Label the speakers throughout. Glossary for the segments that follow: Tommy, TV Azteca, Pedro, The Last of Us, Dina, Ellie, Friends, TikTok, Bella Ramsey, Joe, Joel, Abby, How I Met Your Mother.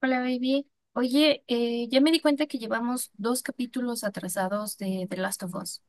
Speaker 1: Hola, baby. Oye, ya me di cuenta que llevamos dos capítulos atrasados de The Last of Us.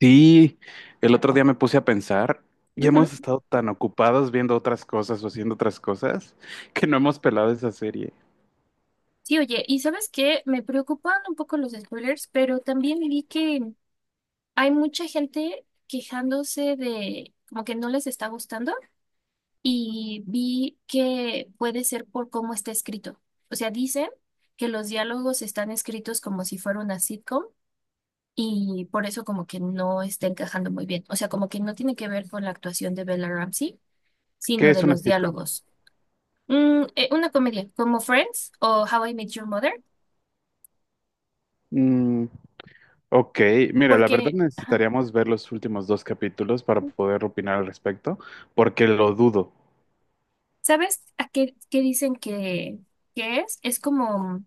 Speaker 2: Sí, el otro día me puse a pensar y hemos
Speaker 1: Ujú.
Speaker 2: estado tan ocupados viendo otras cosas o haciendo otras cosas que no hemos pelado esa serie.
Speaker 1: Sí, oye, y ¿sabes qué? Me preocupan un poco los spoilers, pero también vi que hay mucha gente quejándose de como que no les está gustando y vi que puede ser por cómo está escrito. O sea, dicen que los diálogos están escritos como si fuera una sitcom y por eso como que no está encajando muy bien. O sea, como que no tiene que ver con la actuación de Bella Ramsey
Speaker 2: ¿Qué
Speaker 1: sino de
Speaker 2: es una
Speaker 1: los
Speaker 2: sitcom?
Speaker 1: diálogos. Mm, una comedia como Friends o How I Met Your Mother,
Speaker 2: Mm, ok, mira, la verdad
Speaker 1: porque, ajá,
Speaker 2: necesitaríamos ver los últimos dos capítulos para poder opinar al respecto, porque lo dudo.
Speaker 1: ¿sabes a qué dicen que es? Es como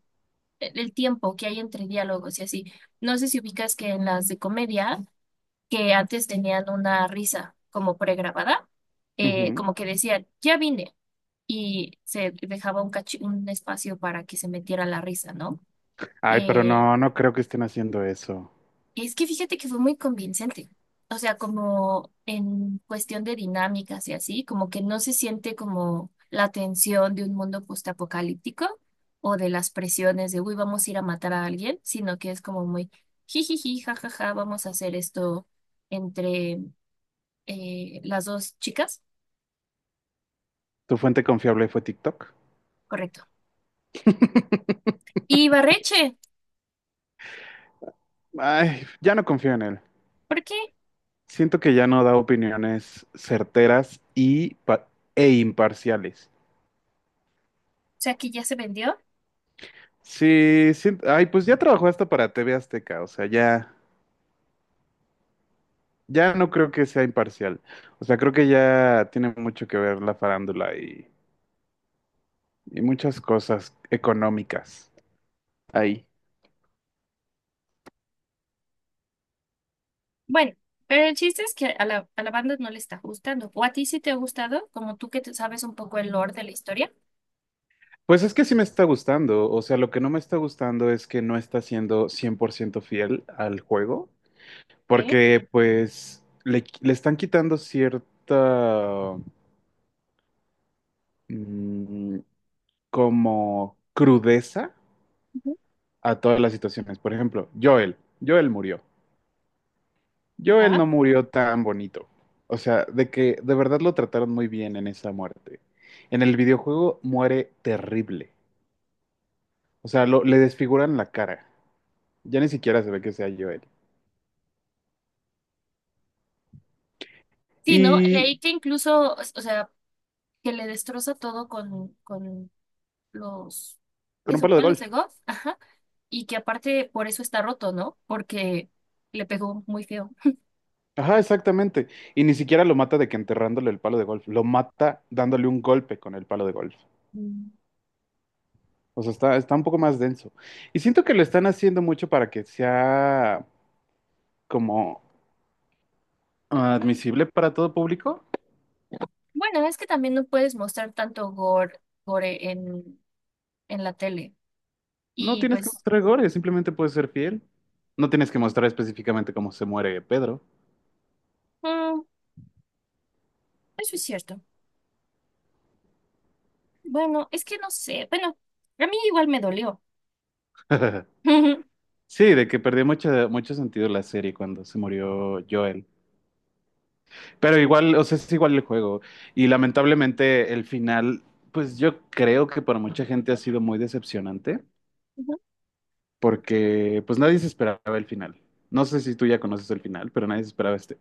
Speaker 1: el tiempo que hay entre diálogos y así. No sé si ubicas que en las de comedia, que antes tenían una risa como pregrabada,
Speaker 2: Ujú.
Speaker 1: como que decían, ya vine, y se dejaba un, un espacio para que se metiera la risa, ¿no?
Speaker 2: Ay, pero
Speaker 1: Eh,
Speaker 2: no, no creo que estén haciendo eso.
Speaker 1: es que fíjate que fue muy convincente. O sea, como en cuestión de dinámicas y así, como que no se siente como la tensión de un mundo postapocalíptico o de las presiones de, uy, vamos a ir a matar a alguien, sino que es como muy jijiji, jajaja, vamos a hacer esto entre las dos chicas.
Speaker 2: ¿Tu fuente confiable fue TikTok?
Speaker 1: Correcto. Y Barreche,
Speaker 2: Ay, ya no confío en él.
Speaker 1: ¿por qué? O
Speaker 2: Siento que ya no da opiniones certeras y e imparciales.
Speaker 1: sea, que ya se vendió.
Speaker 2: Sí, sí, ay, pues ya trabajó hasta para TV Azteca, o sea, ya, ya no creo que sea imparcial. O sea, creo que ya tiene mucho que ver la farándula y muchas cosas económicas ahí.
Speaker 1: Bueno, pero el chiste es que a a la banda no le está gustando. O a ti sí te ha gustado, como tú que te sabes un poco el lore de la historia.
Speaker 2: Pues es que sí me está gustando, o sea, lo que no me está gustando es que no está siendo 100% fiel al juego,
Speaker 1: ¿Eh?
Speaker 2: porque le están quitando cierta mm, como crudeza
Speaker 1: Ujú.
Speaker 2: a todas las situaciones. Por ejemplo, Joel murió. Joel
Speaker 1: Ajá.
Speaker 2: no murió tan bonito. O sea, de que de verdad lo trataron muy bien en esa muerte. En el videojuego muere terrible. O sea, le desfiguran la cara. Ya ni siquiera se ve que sea Joel.
Speaker 1: Sí, ¿no?
Speaker 2: Y
Speaker 1: Leí que incluso, o sea, que le destroza todo con los
Speaker 2: con
Speaker 1: que
Speaker 2: un
Speaker 1: son
Speaker 2: palo de
Speaker 1: palos
Speaker 2: golf.
Speaker 1: de golf. Ajá. Y que aparte por eso está roto, ¿no? Porque le pegó muy feo.
Speaker 2: Ajá, exactamente. Y ni siquiera lo mata de que enterrándole el palo de golf. Lo mata dándole un golpe con el palo de golf.
Speaker 1: Mm.
Speaker 2: O sea, está un poco más denso. Y siento que lo están haciendo mucho para que sea como ah, admisible para todo público.
Speaker 1: Bueno, es que también no puedes mostrar tanto gore en la tele.
Speaker 2: No
Speaker 1: Y
Speaker 2: tienes que
Speaker 1: pues,
Speaker 2: mostrar gore, simplemente puedes ser fiel. No tienes que mostrar específicamente cómo se muere Pedro.
Speaker 1: mm, eso es cierto. Bueno, es que no sé. Bueno, a mí igual me dolió. Ujú.
Speaker 2: Sí, de que perdió mucho, mucho sentido la serie cuando se murió Joel. Pero igual, o sea, es igual el juego. Y lamentablemente el final, pues yo creo que para mucha gente ha sido muy decepcionante, porque pues nadie se esperaba el final. No sé si tú ya conoces el final, pero nadie se esperaba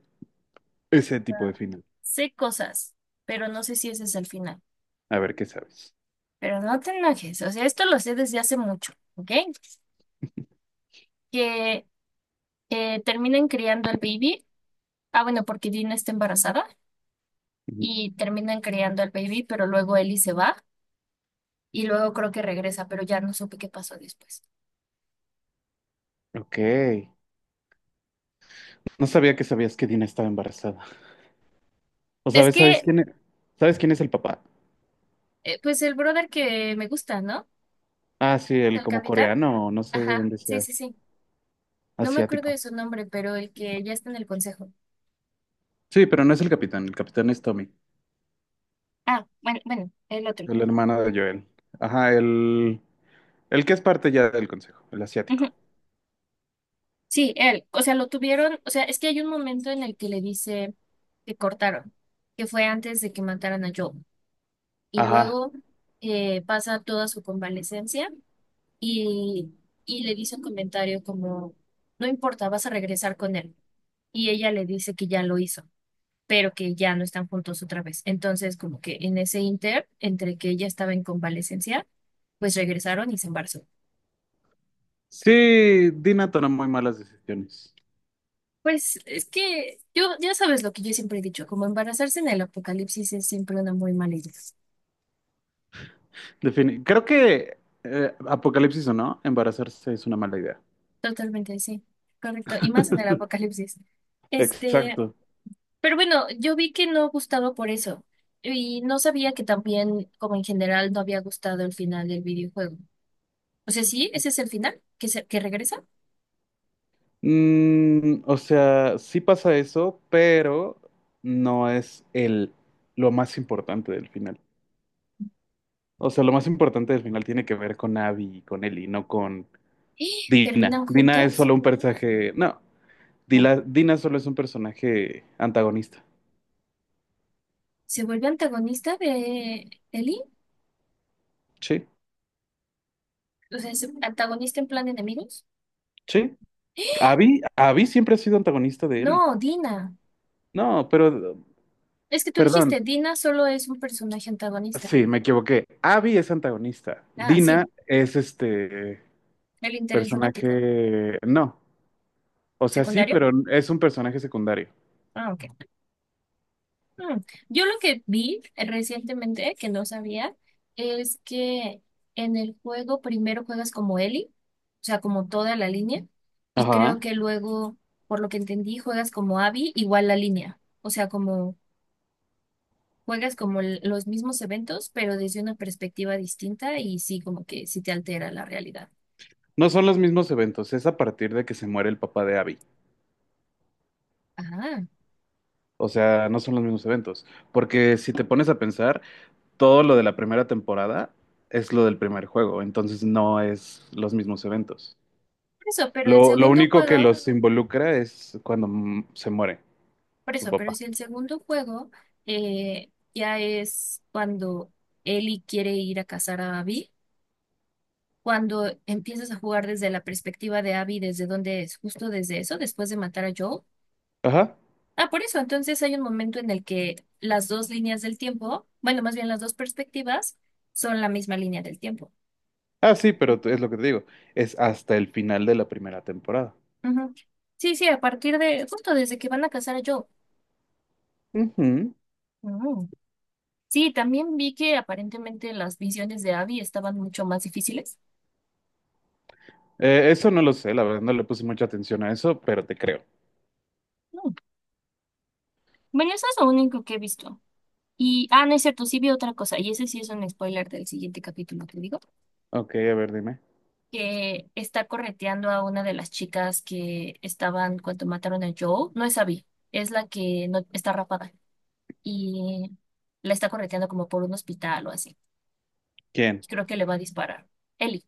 Speaker 2: ese tipo
Speaker 1: Ah,
Speaker 2: de final.
Speaker 1: sé cosas, pero no sé si ese es el final.
Speaker 2: A ver, ¿qué sabes?
Speaker 1: Pero no te enojes. O sea, esto lo sé desde hace mucho, ¿ok? Que terminan criando al baby. Ah, bueno, porque Dina está embarazada
Speaker 2: Ujú.
Speaker 1: y terminan criando al baby, pero luego Ellie se va y luego creo que regresa, pero ya no supe qué pasó después.
Speaker 2: Ok. No sabía que sabías que Dina estaba embarazada. O
Speaker 1: Es
Speaker 2: sabes, ¿sabes quién es? ¿Sabes quién es el papá?
Speaker 1: pues el brother que me gusta, ¿no?
Speaker 2: Ah, sí, el
Speaker 1: El
Speaker 2: como
Speaker 1: capitán.
Speaker 2: coreano, o no sé de
Speaker 1: Ajá,
Speaker 2: dónde
Speaker 1: sí,
Speaker 2: sea,
Speaker 1: sí, sí. No me acuerdo de
Speaker 2: asiático.
Speaker 1: su nombre, pero el que ya está en el consejo.
Speaker 2: Sí, pero no es el capitán es Tommy,
Speaker 1: Ah, bueno, bueno, el otro.
Speaker 2: el hermano de Joel. Ajá, el que es parte ya del consejo, el asiático.
Speaker 1: Ujú. Sí, él. O sea, lo tuvieron. O sea, es que hay un momento en el que le dice que cortaron, que fue antes de que mataran a Joe. Y
Speaker 2: Ajá.
Speaker 1: luego pasa toda su convalecencia y, y le dice un comentario como, no importa, vas a regresar con él. Y ella le dice que ya lo hizo, pero que ya no están juntos otra vez. Entonces, como que en ese inter, entre que ella estaba en convalecencia, pues regresaron y se embarazó.
Speaker 2: Sí, Dina toma muy malas decisiones.
Speaker 1: Pues es que yo, ya sabes lo que yo siempre he dicho, como embarazarse en el apocalipsis es siempre una muy mala idea.
Speaker 2: Creo que apocalipsis o no, embarazarse es una mala idea.
Speaker 1: Totalmente, sí, correcto. Y más en el apocalipsis. Este,
Speaker 2: Exacto.
Speaker 1: pero bueno, yo vi que no gustaba por eso. Y no sabía que también, como en general, no había gustado el final del videojuego. O sea, sí, ese es el final, que regresa.
Speaker 2: Mm, o sea, sí pasa eso, pero no es el lo más importante del final. O sea, lo más importante del final tiene que ver con Abby y con Ellie, no con
Speaker 1: ¡Ah! ¿Terminan
Speaker 2: Dina. Dina es
Speaker 1: juntas?
Speaker 2: solo un personaje. No, Dina solo es un personaje antagonista.
Speaker 1: ¿Se vuelve antagonista de Ellie?
Speaker 2: Sí,
Speaker 1: O sea, ¿es antagonista en plan enemigos?
Speaker 2: sí. Abby siempre ha sido antagonista de Ellie.
Speaker 1: No, Dina.
Speaker 2: No, pero,
Speaker 1: Es que tú
Speaker 2: perdón,
Speaker 1: dijiste, Dina solo es un personaje antagonista.
Speaker 2: sí, me equivoqué. Abby es antagonista.
Speaker 1: Ah,
Speaker 2: Dina
Speaker 1: sí,
Speaker 2: es este
Speaker 1: el interés romántico.
Speaker 2: personaje. No, o sea, sí,
Speaker 1: ¿Secundario?
Speaker 2: pero es un personaje secundario.
Speaker 1: Ah, ok. Mm. Yo lo que vi recientemente, que no sabía, es que en el juego primero juegas como Ellie, o sea, como toda la línea, y creo
Speaker 2: Ajá.
Speaker 1: que luego, por lo que entendí, juegas como Abby, igual la línea. O sea, como juegas como los mismos eventos, pero desde una perspectiva distinta y sí, como que sí te altera la realidad.
Speaker 2: No son los mismos eventos, es a partir de que se muere el papá de Abby.
Speaker 1: Ajá.
Speaker 2: O sea, no son los mismos eventos. Porque si te pones a pensar, todo lo de la primera temporada es lo del primer juego, entonces no es los mismos eventos.
Speaker 1: Por eso, pero el
Speaker 2: Lo
Speaker 1: segundo
Speaker 2: único que
Speaker 1: juego,
Speaker 2: los involucra es cuando se muere
Speaker 1: por
Speaker 2: su
Speaker 1: eso, pero
Speaker 2: papá.
Speaker 1: si el segundo juego ya es cuando Ellie quiere ir a cazar a Abby, cuando empiezas a jugar desde la perspectiva de Abby, desde dónde es, justo desde eso, después de matar a Joel.
Speaker 2: Ajá.
Speaker 1: Ah, por eso, entonces hay un momento en el que las dos líneas del tiempo, bueno, más bien las dos perspectivas, son la misma línea del tiempo.
Speaker 2: Ah, sí, pero es lo que te digo. Es hasta el final de la primera temporada.
Speaker 1: Ujú. Sí, sí, a partir de, justo desde que van a casar a Joe.
Speaker 2: Ujú.
Speaker 1: Mm. Sí, también vi que aparentemente las visiones de Abby estaban mucho más difíciles.
Speaker 2: Eso no lo sé, la verdad no le puse mucha atención a eso, pero te creo.
Speaker 1: Mm. Bueno, eso es lo único que he visto. Y, ah, no es cierto, sí vi otra cosa, y ese sí es un spoiler del siguiente capítulo, te digo,
Speaker 2: Ok, a ver, dime.
Speaker 1: que está correteando a una de las chicas que estaban cuando mataron a Joe. No es Abby, es la que no está rapada. Y la está correteando como por un hospital o así. Y
Speaker 2: ¿Quién?
Speaker 1: creo que le va a disparar. Ellie.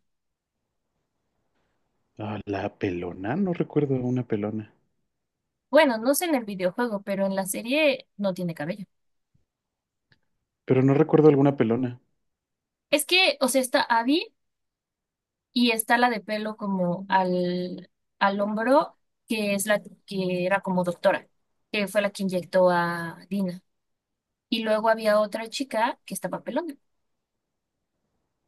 Speaker 2: Ah, la pelona, no recuerdo una pelona.
Speaker 1: Bueno, no sé en el videojuego, pero en la serie no tiene cabello.
Speaker 2: Pero no recuerdo alguna pelona.
Speaker 1: Es que, o sea, está Abby y está la de pelo como al hombro, que es la que era como doctora, que fue la que inyectó a Dina. Y luego había otra chica que estaba pelona.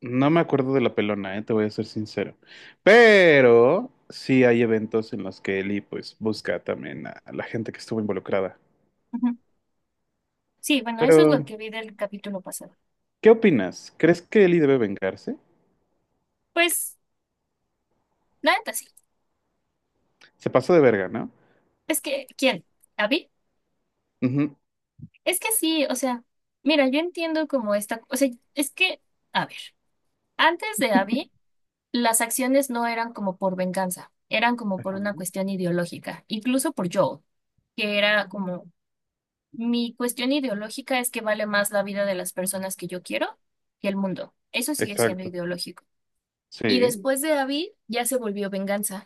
Speaker 2: No me acuerdo de la pelona, te voy a ser sincero. Pero sí hay eventos en los que Eli pues busca también a la gente que estuvo involucrada.
Speaker 1: Ujú. Sí, bueno, eso es
Speaker 2: Pero,
Speaker 1: lo que vi del capítulo pasado.
Speaker 2: ¿qué opinas? ¿Crees que Eli debe vengarse?
Speaker 1: Pues, la neta sí.
Speaker 2: Se pasó de verga, ¿no?
Speaker 1: Es que, ¿quién? ¿Abby?
Speaker 2: Ujú.
Speaker 1: Es que sí, o sea, mira, yo entiendo como esta, o sea, es que, a ver, antes de Abby. Las acciones no eran como por venganza, eran como por
Speaker 2: Ajá.
Speaker 1: una cuestión ideológica, incluso por Joel, que era como, mi cuestión ideológica es que vale más la vida de las personas que yo quiero que el mundo. Eso sigue siendo
Speaker 2: Exacto.
Speaker 1: ideológico. Y
Speaker 2: Sí.
Speaker 1: después de Abby ya se volvió venganza.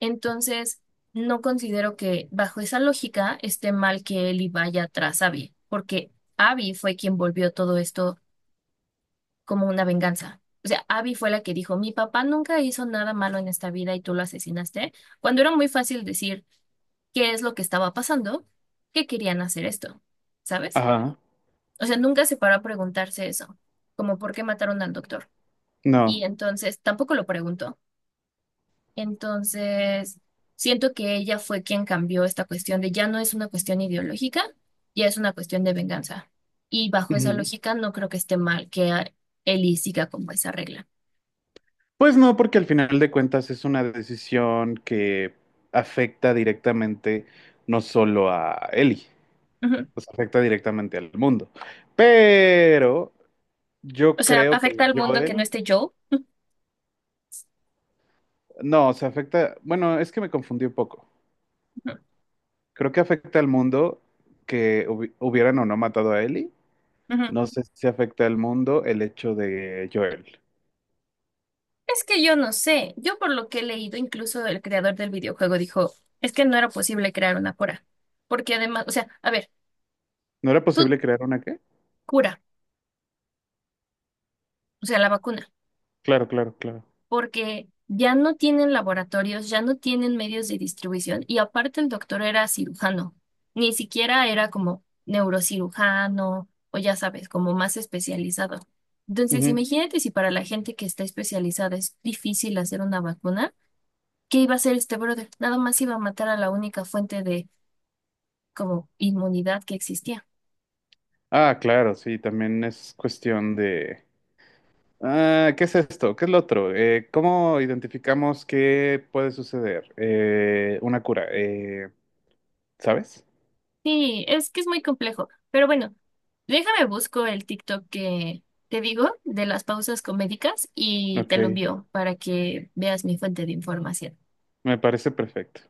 Speaker 1: Entonces, no considero que bajo esa lógica esté mal que Ellie vaya tras Abby, porque Abby fue quien volvió todo esto como una venganza. O sea, Abby fue la que dijo, mi papá nunca hizo nada malo en esta vida y tú lo asesinaste, cuando era muy fácil decir qué es lo que estaba pasando, que querían hacer esto, ¿sabes?
Speaker 2: Ajá.
Speaker 1: O sea, nunca se paró a preguntarse eso, como por qué mataron al doctor. Y
Speaker 2: No.
Speaker 1: entonces tampoco lo preguntó. Entonces, siento que ella fue quien cambió esta cuestión de ya no es una cuestión ideológica, ya es una cuestión de venganza. Y bajo esa
Speaker 2: Ujú.
Speaker 1: lógica no creo que esté mal que Ellie siga como esa regla.
Speaker 2: Pues no, porque al final de cuentas es una decisión que afecta directamente no solo a Eli, pues afecta directamente al mundo. Pero
Speaker 1: O
Speaker 2: yo
Speaker 1: sea,
Speaker 2: creo que
Speaker 1: afecta al mundo que no
Speaker 2: Joel,
Speaker 1: esté Joel.
Speaker 2: no, se afecta, bueno, es que me confundí un poco.
Speaker 1: Ujú,
Speaker 2: Creo que afecta al mundo que hubieran o no matado a Ellie.
Speaker 1: ujú.
Speaker 2: No sé si afecta al mundo el hecho de Joel.
Speaker 1: Es que yo no sé. Yo por lo que he leído, incluso el creador del videojuego dijo, es que no era posible crear una cura. Porque además, o sea, a ver,
Speaker 2: ¿No era
Speaker 1: tú
Speaker 2: posible crear una qué?
Speaker 1: cura, o sea, la vacuna,
Speaker 2: Claro, claro, claro.
Speaker 1: porque ya no tienen laboratorios, ya no tienen medios de distribución y aparte el doctor era cirujano. Ni siquiera era como neurocirujano o ya sabes, como más especializado. Entonces,
Speaker 2: Ujú.
Speaker 1: imagínate si para la gente que está especializada es difícil hacer una vacuna. ¿Qué iba a hacer este brother? Nada más iba a matar a la única fuente de como inmunidad que existía.
Speaker 2: Ah, claro, sí, también es cuestión de... Ah, ¿qué es esto? ¿Qué es lo otro? ¿Cómo identificamos qué puede suceder? Una cura, ¿sabes?
Speaker 1: Sí, es que es muy complejo. Pero bueno, déjame busco el TikTok que te digo de las pausas comédicas y
Speaker 2: Ok,
Speaker 1: te lo envío para que veas mi fuente de información.
Speaker 2: me parece perfecto.